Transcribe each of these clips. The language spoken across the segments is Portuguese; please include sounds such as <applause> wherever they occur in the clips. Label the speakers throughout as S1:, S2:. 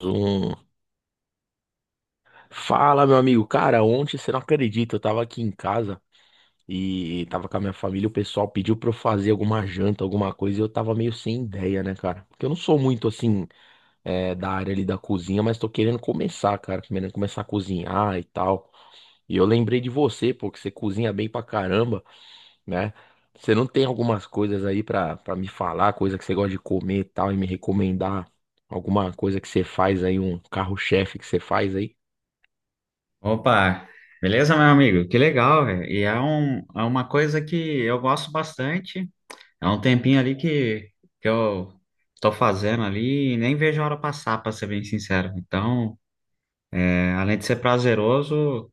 S1: Um... Fala, meu amigo. Cara, ontem você não acredita, eu tava aqui em casa e tava com a minha família. O pessoal pediu pra eu fazer alguma janta, alguma coisa, e eu tava meio sem ideia, né, cara? Porque eu não sou muito assim, da área ali da cozinha, mas tô querendo começar, cara. Querendo começar a cozinhar e tal. E eu lembrei de você, pô, que você cozinha bem pra caramba, né? Você não tem algumas coisas aí pra me falar, coisa que você gosta de comer e tal, e me recomendar alguma coisa que você faz aí, um carro-chefe que você faz aí?
S2: Opa, beleza, meu amigo? Que legal, velho. É uma coisa que eu gosto bastante. É um tempinho ali que eu tô fazendo ali e nem vejo a hora passar, pra ser bem sincero. Então, além de ser prazeroso,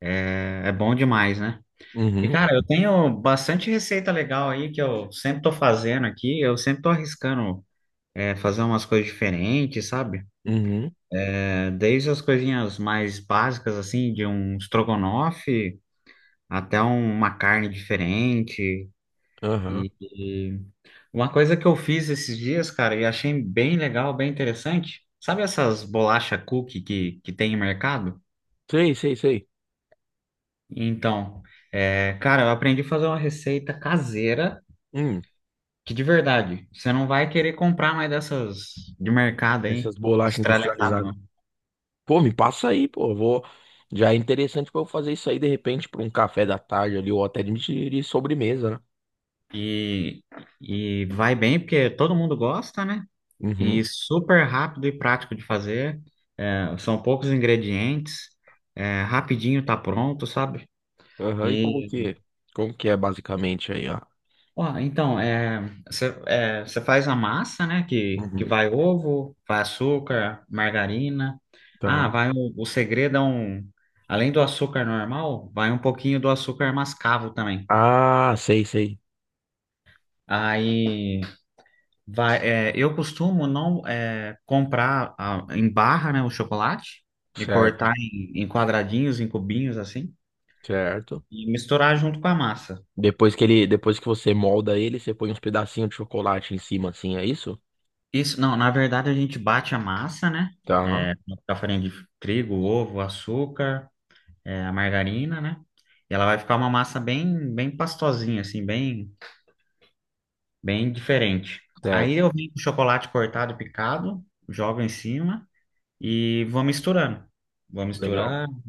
S2: é bom demais, né? E,
S1: Uhum.
S2: cara, eu tenho bastante receita legal aí que eu sempre tô fazendo aqui. Eu sempre tô arriscando, fazer umas coisas diferentes, sabe?
S1: Uhum,
S2: É, desde as coisinhas mais básicas, assim, de um estrogonofe até uma carne diferente.
S1: aham.
S2: E uma coisa que eu fiz esses dias, cara, e achei bem legal, bem interessante. Sabe essas bolacha cookie que tem em mercado?
S1: Sei, sei, sei.
S2: Então, é, cara, eu aprendi a fazer uma receita caseira
S1: Hum.
S2: que, de verdade, você não vai querer comprar mais dessas de mercado
S1: Essas
S2: aí,
S1: bolachas
S2: industrializada,
S1: industrializadas.
S2: não.
S1: Pô, me passa aí, pô. Já é interessante pra eu fazer isso aí de repente pra um café da tarde ali, ou até de sobremesa, né?
S2: E, e vai bem porque todo mundo gosta, né?
S1: Uhum.
S2: E super rápido e prático de fazer. É, são poucos ingredientes. É, rapidinho tá pronto, sabe?
S1: Aham, e como
S2: E,
S1: que, como que é basicamente aí, ó?
S2: ó, então, é, você faz a massa, né? Que
S1: Uhum.
S2: vai ovo, vai açúcar, margarina.
S1: Tá.
S2: Ah, vai o segredo é um... Além do açúcar normal, vai um pouquinho do açúcar mascavo também.
S1: Ah, sei, sei.
S2: Aí... Vai, é, eu costumo, não é, comprar, ah, em barra, né, o chocolate e
S1: Certo,
S2: cortar em, em quadradinhos, em cubinhos assim
S1: certo.
S2: e misturar junto com a massa.
S1: Depois que você molda ele, você põe uns pedacinhos de chocolate em cima, assim, é isso?
S2: Isso, não, na verdade a gente bate a massa, né?
S1: Tá,
S2: É, com a farinha de trigo, ovo, açúcar, é, a margarina, né? E ela vai ficar uma massa bem, bem pastosinha, assim, bem, bem diferente.
S1: certo.
S2: Aí eu venho com chocolate cortado e picado, jogo em cima e vou misturando. Vou
S1: Legal.
S2: misturando.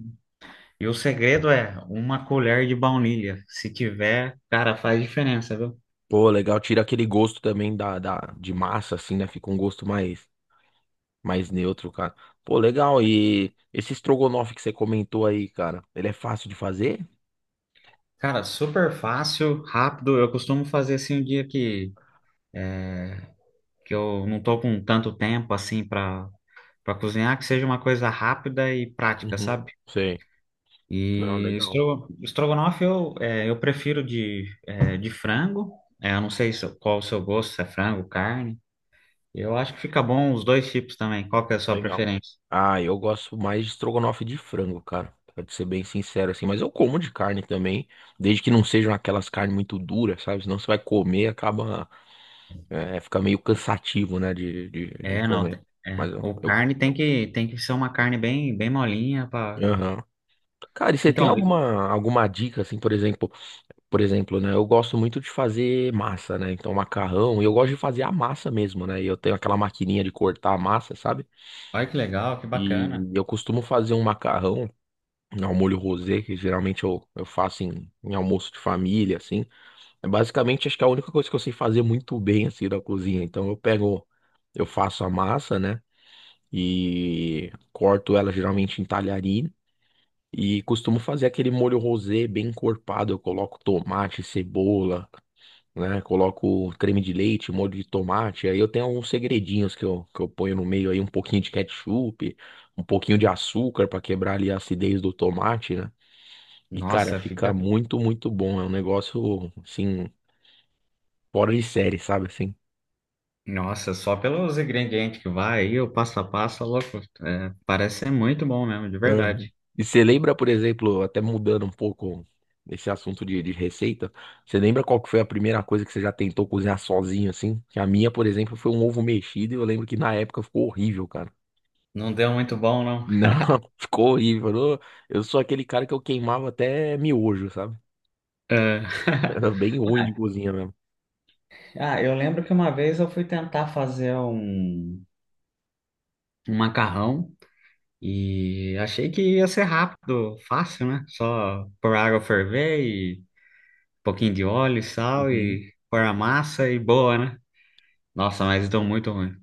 S2: E o segredo é uma colher de baunilha. Se tiver, cara, faz diferença, viu?
S1: Pô, legal, tira aquele gosto também de massa, assim, né? Fica um gosto mais neutro, cara. Pô, legal, e esse estrogonofe que você comentou aí, cara, ele é fácil de fazer?
S2: Cara, super fácil, rápido. Eu costumo fazer assim um dia que eu não tô com tanto tempo assim para cozinhar, que seja uma coisa rápida e prática,
S1: Uhum.
S2: sabe?
S1: Sei. Não, legal,
S2: Estrogonofe eu, é, eu prefiro de, é, de frango. É, eu não sei qual o seu gosto, se é frango, carne. Eu acho que fica bom os dois tipos também. Qual que é a sua
S1: legal.
S2: preferência?
S1: Ah, eu gosto mais de estrogonofe de frango, cara, pra te ser bem sincero, assim, mas eu como de carne também, desde que não sejam aquelas carnes muito duras, sabe? Senão você vai comer, e acaba, fica meio cansativo, né, de
S2: É, não,
S1: comer.
S2: é,
S1: Mas eu,
S2: o
S1: eu,
S2: carne tem tem que ser uma carne bem, bem molinha para...
S1: aham. Cara, e você tem
S2: Então,
S1: alguma dica, assim, por exemplo, né? Eu gosto muito de fazer massa, né? Então, macarrão, e eu gosto de fazer a massa mesmo, né? E eu tenho aquela maquininha de cortar a massa, sabe?
S2: olha que legal, que bacana.
S1: E eu costumo fazer um macarrão ao molho rosé, que geralmente eu faço em almoço de família, assim. É basicamente, acho que é a única coisa que eu sei fazer muito bem, assim, da cozinha. Então, eu pego, eu faço a massa, né? E corto ela geralmente em talharina. E costumo fazer aquele molho rosé bem encorpado. Eu coloco tomate, cebola, né? Coloco creme de leite, molho de tomate. Aí eu tenho alguns segredinhos que eu ponho no meio aí, um pouquinho de ketchup, um pouquinho de açúcar para quebrar ali a acidez do tomate, né? E, cara,
S2: Nossa,
S1: fica
S2: fica.
S1: muito, muito bom. É um negócio, assim, fora de série, sabe? Assim.
S2: Nossa, só pelos ingredientes que vai aí, o passo a passo, tá louco. É, parece ser muito bom mesmo, de
S1: Uhum.
S2: verdade.
S1: E você lembra, por exemplo, até mudando um pouco esse assunto de receita, você lembra qual que foi a primeira coisa que você já tentou cozinhar sozinho, assim? Que a minha, por exemplo, foi um ovo mexido e eu lembro que na época ficou horrível, cara.
S2: Não deu muito bom,
S1: Não,
S2: não.
S1: <laughs> ficou horrível. Eu sou aquele cara que eu queimava até miojo, sabe?
S2: É.
S1: Era
S2: <laughs>
S1: bem ruim de cozinha mesmo.
S2: Ah, eu lembro que uma vez eu fui tentar fazer um macarrão e achei que ia ser rápido, fácil, né? Só pôr água ferver, pouquinho de óleo, sal
S1: Uhum.
S2: e pôr a massa e boa, né? Nossa, mas deu muito ruim.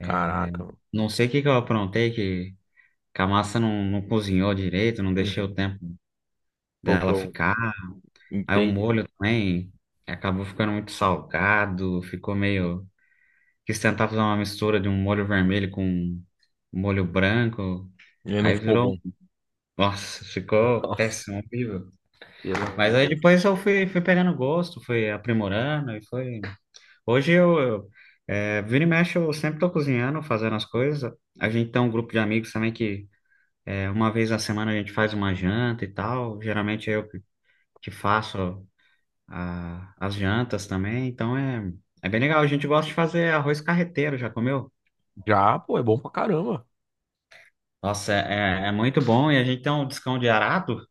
S1: Caraca, mano.
S2: Não sei o que que eu aprontei, que a massa não cozinhou direito, não deixei o
S1: Uhum.
S2: tempo
S1: Pô, que
S2: dela
S1: eu
S2: ficar. Aí o
S1: entendi.
S2: molho também acabou ficando muito salgado, ficou meio... Quis tentar fazer uma mistura de um molho vermelho com um molho branco,
S1: E não
S2: aí
S1: ficou bom.
S2: virou... Nossa,
S1: <laughs>
S2: ficou
S1: Nossa,
S2: péssimo, horrível.
S1: pelo amor
S2: Mas
S1: de
S2: aí
S1: Deus.
S2: depois eu fui pegando gosto, fui aprimorando e foi... Hoje eu é, vira e mexe, eu sempre tô cozinhando, fazendo as coisas. A gente tem um grupo de amigos também que é, uma vez na semana a gente faz uma janta e tal. Geralmente é eu que faço as jantas também, então é, é bem legal. A gente gosta de fazer arroz carreteiro, já comeu?
S1: Já, pô, é bom pra caramba.
S2: Nossa, é, é muito bom e a gente tem um descão de arado,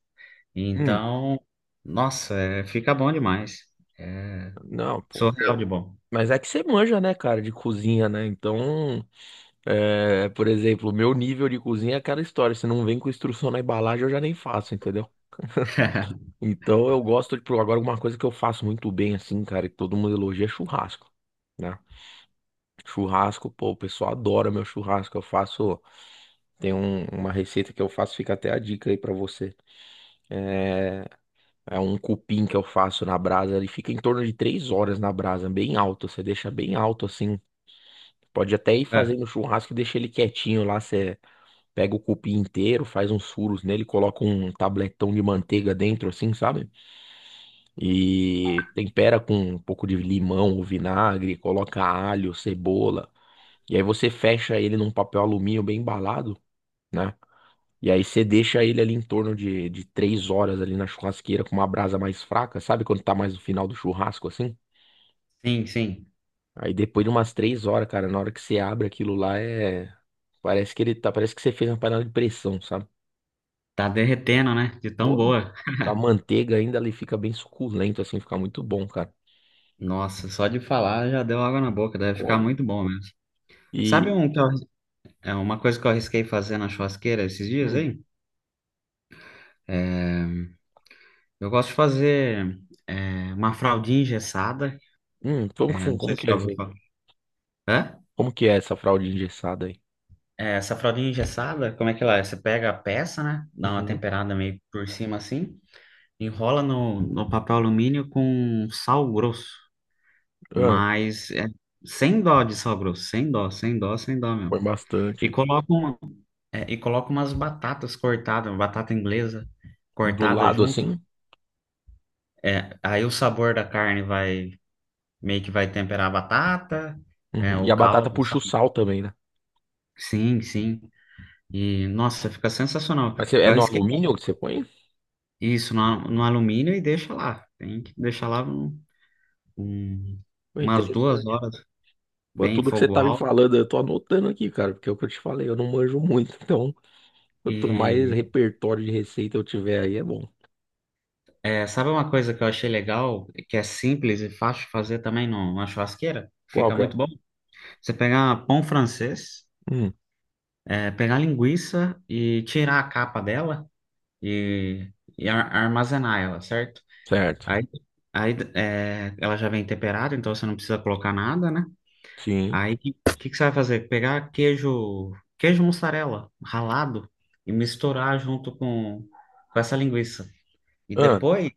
S2: então, nossa, é, fica bom demais.
S1: Não, pô.
S2: Surreal de bom.
S1: Mas é que você manja, né, cara, de cozinha, né? Então, por exemplo, o meu nível de cozinha é aquela história. Se não vem com instrução na embalagem, eu já nem faço, entendeu? Então eu gosto de. Agora, uma coisa que eu faço muito bem, assim, cara, que todo mundo elogia é churrasco, né? Churrasco, pô, o pessoal adora meu churrasco. Eu faço. Tem uma receita que eu faço, fica até a dica aí pra você. É, é um cupim que eu faço na brasa, ele fica em torno de 3 horas na brasa, bem alto. Você deixa bem alto assim. Pode até ir
S2: É.
S1: fazendo churrasco e deixa ele quietinho lá. Você pega o cupim inteiro, faz uns furos nele, coloca um tabletão de manteiga dentro, assim, sabe? E tempera com um pouco de limão ou vinagre, coloca alho, cebola. E aí você fecha ele num papel alumínio bem embalado, né? E aí você deixa ele ali em torno de 3 horas ali na churrasqueira com uma brasa mais fraca, sabe quando tá mais no final do churrasco assim?
S2: Sim, sim.
S1: Aí depois de umas 3 horas, cara, na hora que você abre aquilo lá é. Parece que ele tá. Parece que você fez uma panela de pressão, sabe?
S2: Tá derretendo, né? De tão
S1: Pô,
S2: boa.
S1: com a manteiga ainda ele fica bem suculento, assim, fica muito bom, cara.
S2: Nossa, só de falar já deu água na boca, deve ficar
S1: Pô.
S2: muito bom mesmo. Sabe
S1: E.
S2: um que eu- é uma coisa que eu arrisquei fazer na churrasqueira esses dias,
S1: Hum,
S2: hein? É, eu gosto de fazer, é, uma fraldinha engessada.
S1: como que,
S2: É,
S1: fun-
S2: não
S1: como
S2: sei se
S1: que é
S2: já
S1: isso
S2: ouviu
S1: aí?
S2: falar. Hã?
S1: Como que é essa fralda engessada aí?
S2: É, essa fraldinha engessada, como é que ela é? Você pega a peça, né? Dá uma
S1: Uhum.
S2: temperada meio por cima assim, enrola no papel alumínio com sal grosso,
S1: Ah,
S2: mas é, sem dó de sal grosso, sem dó, sem dó, sem dó
S1: põe
S2: mesmo. E
S1: bastante.
S2: coloca, um- É, e coloca umas batatas cortadas, batata inglesa
S1: Do
S2: cortada
S1: lado
S2: junto.
S1: assim?
S2: É, aí o sabor da carne vai meio que vai temperar a batata, é,
S1: Uhum. E
S2: o
S1: a batata
S2: caldo,
S1: puxa o
S2: sabe?
S1: sal também, né?
S2: Sim, sim. E nossa, fica sensacional.
S1: É
S2: Eu
S1: no
S2: arrisquei
S1: alumínio que você põe?
S2: isso no alumínio e deixa lá. Tem que deixar lá um-
S1: Pô,
S2: umas duas
S1: interessante.
S2: horas,
S1: Pô,
S2: bem em
S1: tudo que você
S2: fogo
S1: tá me
S2: alto.
S1: falando, eu tô anotando aqui, cara, porque é o que eu te falei, eu não manjo muito. <laughs> Então, quanto mais
S2: E
S1: repertório de receita eu tiver aí, é bom.
S2: é, sabe uma coisa que eu achei legal, que é simples e fácil de fazer também numa churrasqueira?
S1: Qual
S2: Fica
S1: que é?
S2: muito bom. Você pegar pão francês.
S1: Hum,
S2: É, pegar a linguiça e tirar a capa dela e, armazenar ela, certo?
S1: Certo.
S2: Aí, aí é, ela já vem temperada, então você não precisa colocar nada, né?
S1: Sim.
S2: Aí que você vai fazer? Pegar queijo, queijo mussarela ralado e misturar junto com essa linguiça. E
S1: Ah,
S2: depois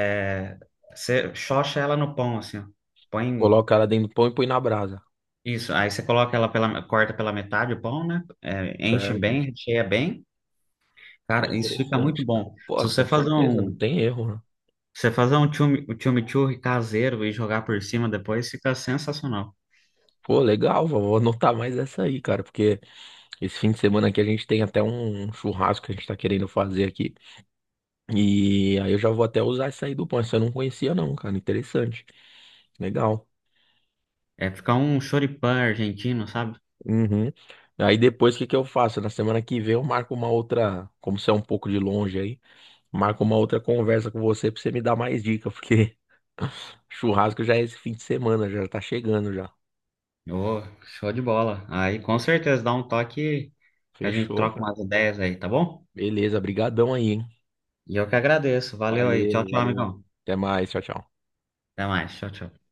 S2: é, você xoxa ela no pão, assim, ó. Põe
S1: coloca ela dentro do pão e põe na brasa.
S2: isso. Aí você coloca ela pela, corta pela metade o pão, né? É, enche
S1: Certo.
S2: bem, recheia bem.
S1: Pô,
S2: Cara, isso fica muito
S1: interessante, cara.
S2: bom.
S1: Pô, com certeza, não tem erro, né?
S2: Se você fazer um chimichurri caseiro e jogar por cima depois, fica sensacional.
S1: Pô, legal, vó, vou anotar mais essa aí, cara, porque esse fim de semana aqui a gente tem até um churrasco que a gente tá querendo fazer aqui. E aí eu já vou até usar essa aí do pão. Essa eu não conhecia, não, cara. Interessante. Legal.
S2: É ficar um choripã argentino, sabe?
S1: Uhum. Aí depois o que que eu faço? Na semana que vem eu marco uma outra, como você é um pouco de longe aí, marco uma outra conversa com você pra você me dar mais dica, porque <laughs> churrasco já é esse fim de semana, já tá chegando já.
S2: Ô, show de bola. Aí com certeza dá um toque que a gente
S1: Fechou,
S2: troca
S1: cara.
S2: umas ideias aí, tá bom?
S1: Beleza, brigadão aí, hein?
S2: E eu que agradeço. Valeu aí. Tchau,
S1: Valeu,
S2: tchau,
S1: valeu.
S2: amigão.
S1: Até mais, tchau, tchau.
S2: Até mais. Tchau, tchau.